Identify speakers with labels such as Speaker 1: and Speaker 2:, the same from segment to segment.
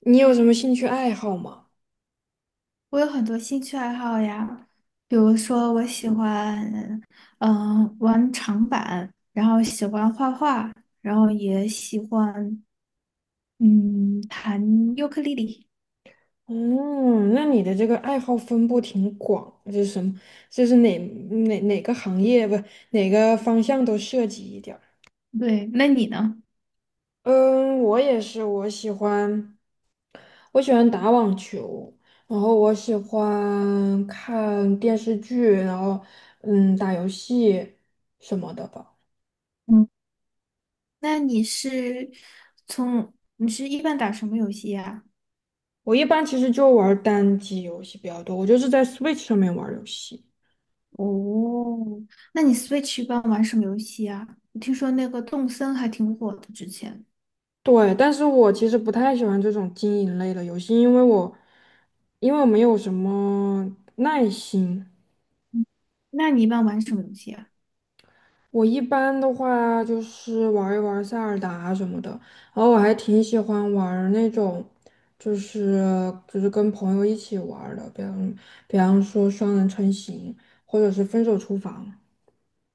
Speaker 1: 你有什么兴趣爱好吗？
Speaker 2: 我有很多兴趣爱好呀，比如说我喜欢，玩长板，然后喜欢画画，然后也喜欢，弹尤克里里。
Speaker 1: 嗯，那你的这个爱好分布挺广，就是什么，就是哪哪个行业不，哪个方向都涉及一点儿。
Speaker 2: 对，那你呢？
Speaker 1: 嗯，我也是，我喜欢打网球，然后我喜欢看电视剧，然后打游戏什么的吧。
Speaker 2: 嗯，那你是一般打什么游戏呀？
Speaker 1: 我一般其实就玩儿单机游戏比较多，我就是在 Switch 上面玩儿游戏。
Speaker 2: 哦，那你 Switch 一般玩什么游戏啊？我听说那个动森还挺火的之前，
Speaker 1: 对，但是我其实不太喜欢这种经营类的游戏，因为我没有什么耐心。
Speaker 2: 嗯那你一般玩什么游戏啊？
Speaker 1: 我一般的话就是玩一玩塞尔达什么的，然后我还挺喜欢玩儿那种，就是就是跟朋友一起玩儿的，比方说双人成行，或者是分手厨房。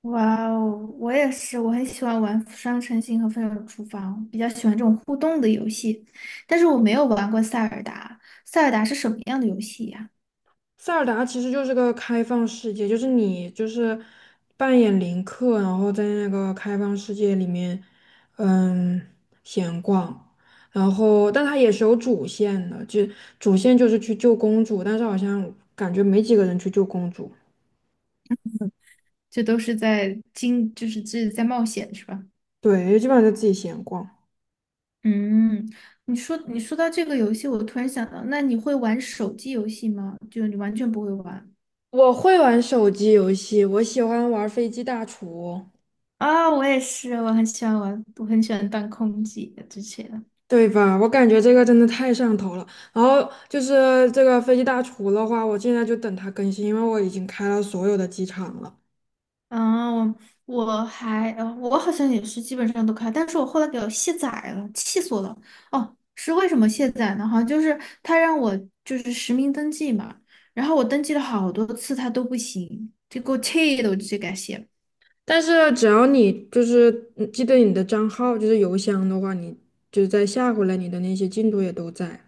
Speaker 2: 哇哦，我也是，我很喜欢玩《双城星》和《分手厨房》，比较喜欢这种互动的游戏。但是我没有玩过《塞尔达》，《塞尔达》是什么样的游戏呀？
Speaker 1: 塞尔达其实就是个开放世界，就是你扮演林克，然后在那个开放世界里面，嗯，闲逛。然后，但它也是有主线的，主线就是去救公主，但是好像感觉没几个人去救公主。
Speaker 2: 这都是在经，就是这是在冒险是吧？
Speaker 1: 对，基本上就自己闲逛。
Speaker 2: 嗯，你说到这个游戏，我突然想到，那你会玩手机游戏吗？就你完全不会玩
Speaker 1: 我会玩手机游戏，我喜欢玩《飞机大厨》。
Speaker 2: 啊，我也是，我很喜欢玩，我很喜欢当空姐之前。
Speaker 1: 对吧？我感觉这个真的太上头了。然后就是这个飞机大厨的话，我现在就等它更新，因为我已经开了所有的机场了。
Speaker 2: 嗯，我还，我好像也是基本上都开，但是我后来给我卸载了，气死我了。哦，是为什么卸载呢？好像就是他让我就是实名登记嘛，然后我登记了好多次，他都不行，就给我气的，我就直接给他卸了。
Speaker 1: 但是只要你记得你的账号，就是邮箱的话，你就再下回来，你的那些进度也都在。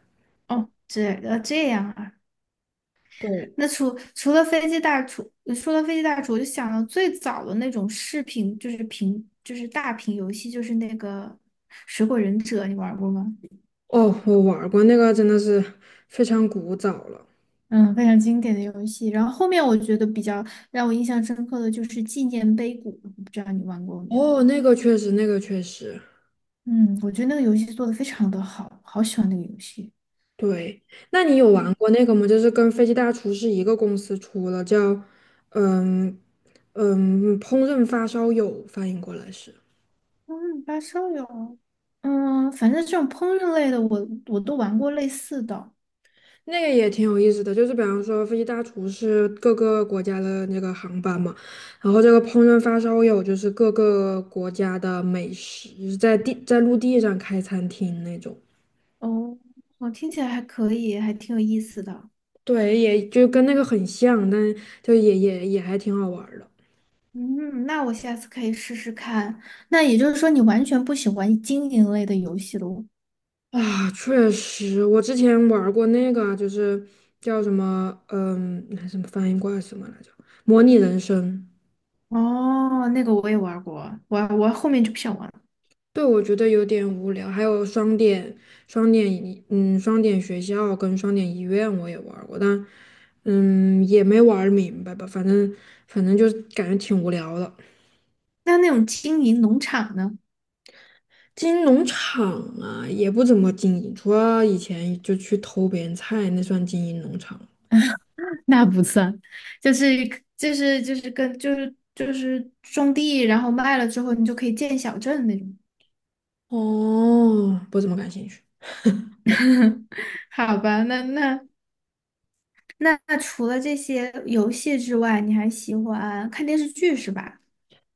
Speaker 2: 哦，这样啊。
Speaker 1: 对，
Speaker 2: 那除了飞机大厨，说到飞机大厨，我就想到最早的那种视频，就是屏，就是大屏游戏，就是那个《水果忍者》，你玩过吗？
Speaker 1: 哦，我玩儿过那个，真的是非常古早了。
Speaker 2: 嗯，非常经典的游戏。然后后面我觉得比较让我印象深刻的就是《纪念碑谷》，我不知道你玩过没有？
Speaker 1: 哦，那个确实，那个确实。
Speaker 2: 嗯，我觉得那个游戏做的非常的好，好喜欢那个游戏。
Speaker 1: 对，那你有玩
Speaker 2: 嗯，
Speaker 1: 过那个吗？就是跟《飞机大厨是一个公司出的，叫嗯“烹饪发烧友"，翻译过来是
Speaker 2: 嗯，八烧友，反正这种烹饪类的我都玩过类似的。
Speaker 1: 那个也挺有意思的。就是比方说，《飞机大厨是各个国家的那个航班嘛，然后这个"烹饪发烧友"就是各个国家的美食，就是在陆地上开餐厅那种。
Speaker 2: 哦，我听起来还可以，还挺有意思的。
Speaker 1: 对，也就跟那个很像，但就也也也还挺好玩儿的。
Speaker 2: 嗯，那我下次可以试试看。那也就是说，你完全不喜欢经营类的游戏了？
Speaker 1: 啊，确实，我之前玩儿过那个就是叫什么，那什么翻译过来什么来着？模拟人生。
Speaker 2: 哦，那个我也玩过，我后面就不想玩了。
Speaker 1: 对，我觉得有点无聊。还有双点学校跟双点医院我也玩儿过，也没玩儿明白吧，反正就是感觉挺无聊的。
Speaker 2: 那那种经营农场呢？
Speaker 1: 经营农场也不怎么经营，除了以前就去偷别人菜，那算经营农场。
Speaker 2: 那不算，就是种地，然后卖了之后，你就可以建小镇那种。
Speaker 1: 哦，不怎么感兴趣。
Speaker 2: 好吧，那除了这些游戏之外，你还喜欢看电视剧是吧？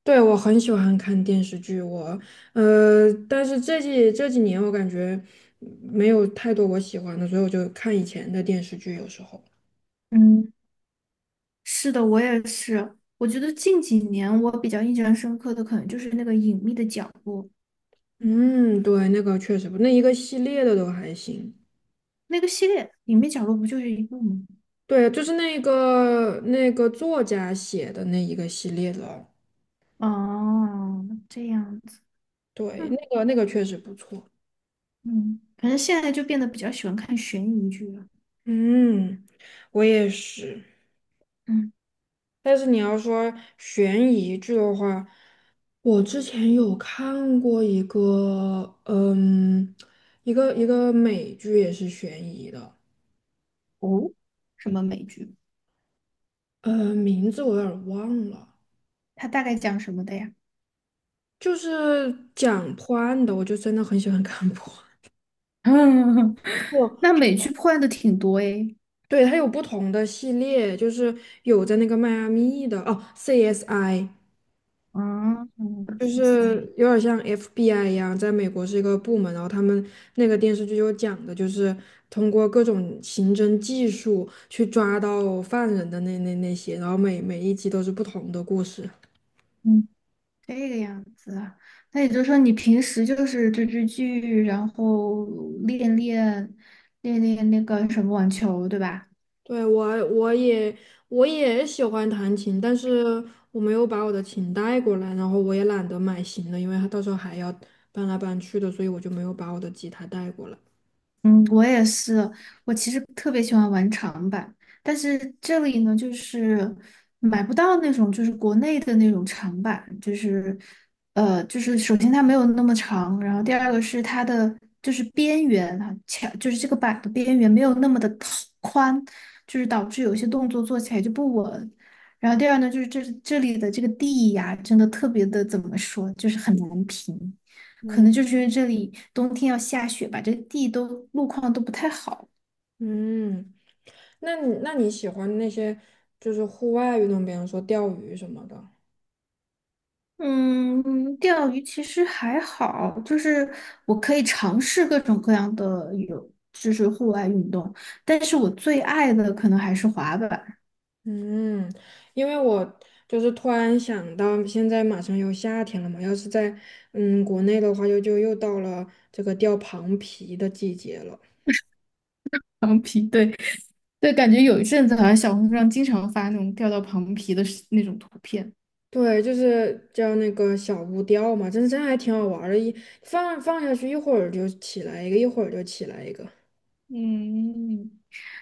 Speaker 1: 对，我很喜欢看电视剧，但是这几年我感觉没有太多我喜欢的，所以我就看以前的电视剧，有时候。
Speaker 2: 嗯，是的，我也是。我觉得近几年我比较印象深刻的，可能就是那个《隐秘的角落》
Speaker 1: 嗯，对，那个确实不，那一个系列的都还行。
Speaker 2: 那个系列，《隐秘角落》不就是一个吗？
Speaker 1: 对，就是那个作家写的那一个系列的，
Speaker 2: 哦，这样子，
Speaker 1: 对，
Speaker 2: 嗯，
Speaker 1: 那个确实不错。
Speaker 2: 嗯，反正现在就变得比较喜欢看悬疑剧了。
Speaker 1: 嗯，我也是。
Speaker 2: 嗯，
Speaker 1: 但是你要说悬疑剧的话，我之前有看过一个，一个美剧也是悬疑的，
Speaker 2: 哦，什么美剧？
Speaker 1: 名字我有点儿忘了，
Speaker 2: 它大概讲什么的呀？
Speaker 1: 就是讲破案的，我就真的很喜欢看破案。
Speaker 2: 嗯，
Speaker 1: 哦，
Speaker 2: 那美剧破案的挺多诶。
Speaker 1: 对，它有不同的系列，就是有在那个迈阿密的，哦，CSI。
Speaker 2: 啊，嗯，
Speaker 1: 就
Speaker 2: 哇塞，
Speaker 1: 是有点像 FBI 一样，在美国是一个部门，然后他们那个电视剧就讲的就是通过各种刑侦技术去抓到犯人的那些，然后每一集都是不同的故事。
Speaker 2: 嗯，这个样子啊。那也就是说，你平时就是追追剧，然后练练练练那个什么网球，对吧？
Speaker 1: 对，我也喜欢弹琴，但是我没有把我的琴带过来，然后我也懒得买新的，因为它到时候还要搬来搬去的，所以我就没有把我的吉他带过来。
Speaker 2: 嗯，我也是。我其实特别喜欢玩长板，但是这里呢，就是买不到那种就是国内的那种长板，就是就是首先它没有那么长，然后第二个是它的就是边缘啊，墙就是这个板的边缘没有那么的宽，就是导致有些动作做起来就不稳。然后第二呢，就是这里的这个地呀，真的特别的怎么说，就是很难评。可能就是因为这里冬天要下雪吧，这地都路况都不太好。
Speaker 1: 嗯。那你喜欢那些就是户外运动，比方说钓鱼什么的？
Speaker 2: 嗯，钓鱼其实还好，就是我可以尝试各种各样的有，就是户外运动，但是我最爱的可能还是滑板、
Speaker 1: 嗯，因为我就是突然想到，现在马上又夏天了嘛，要是在国内的话就又到了这个钓螃蜍的季节了。
Speaker 2: 长皮。对，对，感觉有一阵子好像小红书上经常发那种钓到螃蜍的视那种图片。
Speaker 1: 对，就是叫那个小乌钓嘛，真还挺好玩儿的，一放下去一会儿就起来一个，一会儿就起来一个。
Speaker 2: 嗯，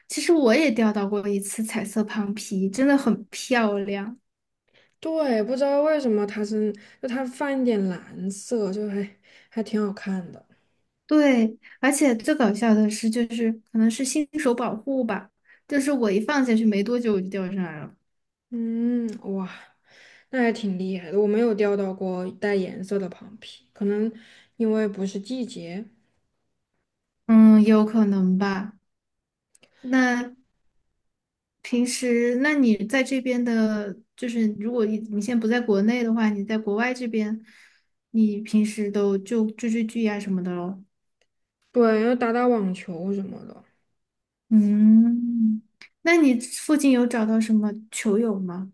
Speaker 2: 其实我也钓到过一次彩色螃蜍，真的很漂亮。
Speaker 1: 对，不知道为什么它是，就它泛一点蓝色，还挺好看的。
Speaker 2: 对，而且最搞笑的是，就是可能是新手保护吧，就是我一放下去没多久我就掉上来了。
Speaker 1: 嗯，哇。那还挺厉害的，我没有钓到过带颜色的螃蟹，可能因为不是季节。
Speaker 2: 嗯，有可能吧。那平时，那你在这边的，就是如果你现在不在国内的话，你在国外这边，你平时都就追追剧呀、什么的咯。
Speaker 1: 对，要打打网球什么的。
Speaker 2: 嗯，那你附近有找到什么球友吗？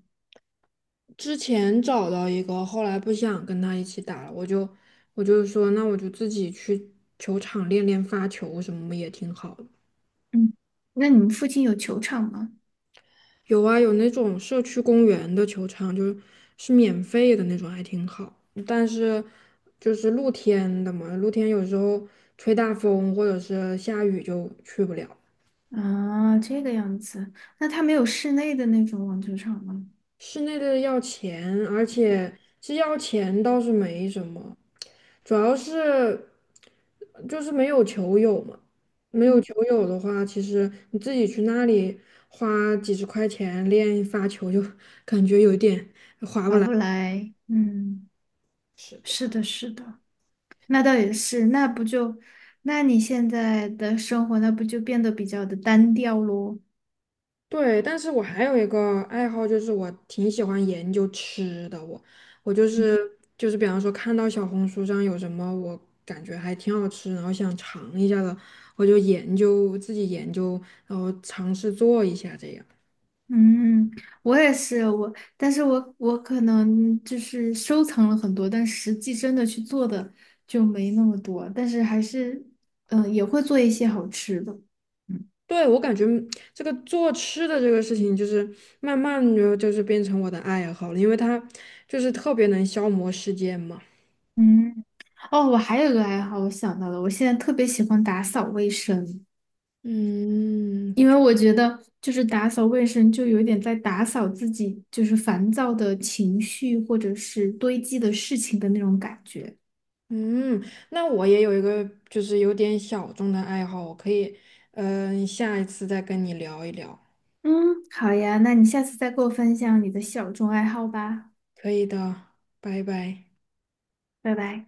Speaker 1: 之前找到一个，后来不想跟他一起打了，我就说，那我就自己去球场练练发球什么也挺好的。
Speaker 2: 嗯，那你们附近有球场吗？
Speaker 1: 有啊，有那种社区公园的球场，就是是免费的那种，还挺好。但是就是露天的嘛，露天有时候吹大风或者是下雨就去不了。
Speaker 2: 啊，这个样子，那它没有室内的那种网球场吗？
Speaker 1: 室内的要钱，而且其实要钱倒是没什么，主要是就是没有球友嘛。没有
Speaker 2: 嗯，
Speaker 1: 球友的话，其实你自己去那里花几十块钱练发球，就 感觉有点划不
Speaker 2: 划
Speaker 1: 来。
Speaker 2: 不来。嗯，
Speaker 1: 是的。
Speaker 2: 是的，是的，那倒也是，那不就，那你现在的生活，那不就变得比较的单调咯？
Speaker 1: 对，但是我还有一个爱好，就是我挺喜欢研究吃的。我我就是就是，比方说看到小红书上有什么我感觉还挺好吃，然后想尝一下的，我就研究自己研究，然后尝试做一下这样。
Speaker 2: 嗯，我也是，我，但是我可能就是收藏了很多，但实际真的去做的就没那么多，但是还是，嗯、也会做一些好吃的。嗯。
Speaker 1: 对，我感觉这个做吃的这个事情，就是慢慢的就是变成我的爱好了，因为它就是特别能消磨时间嘛。
Speaker 2: 嗯，哦，我还有个爱好，我想到了，我现在特别喜欢打扫卫生，
Speaker 1: 嗯，
Speaker 2: 因为我觉得就是打扫卫生就有点在打扫自己，就是烦躁的情绪或者是堆积的事情的那种感觉。
Speaker 1: 嗯，那我也有一个就是有点小众的爱好，我可以，下一次再跟你聊一聊。
Speaker 2: 嗯，好呀，那你下次再给我分享你的小众爱好吧，
Speaker 1: 可以的，拜拜。
Speaker 2: 拜拜。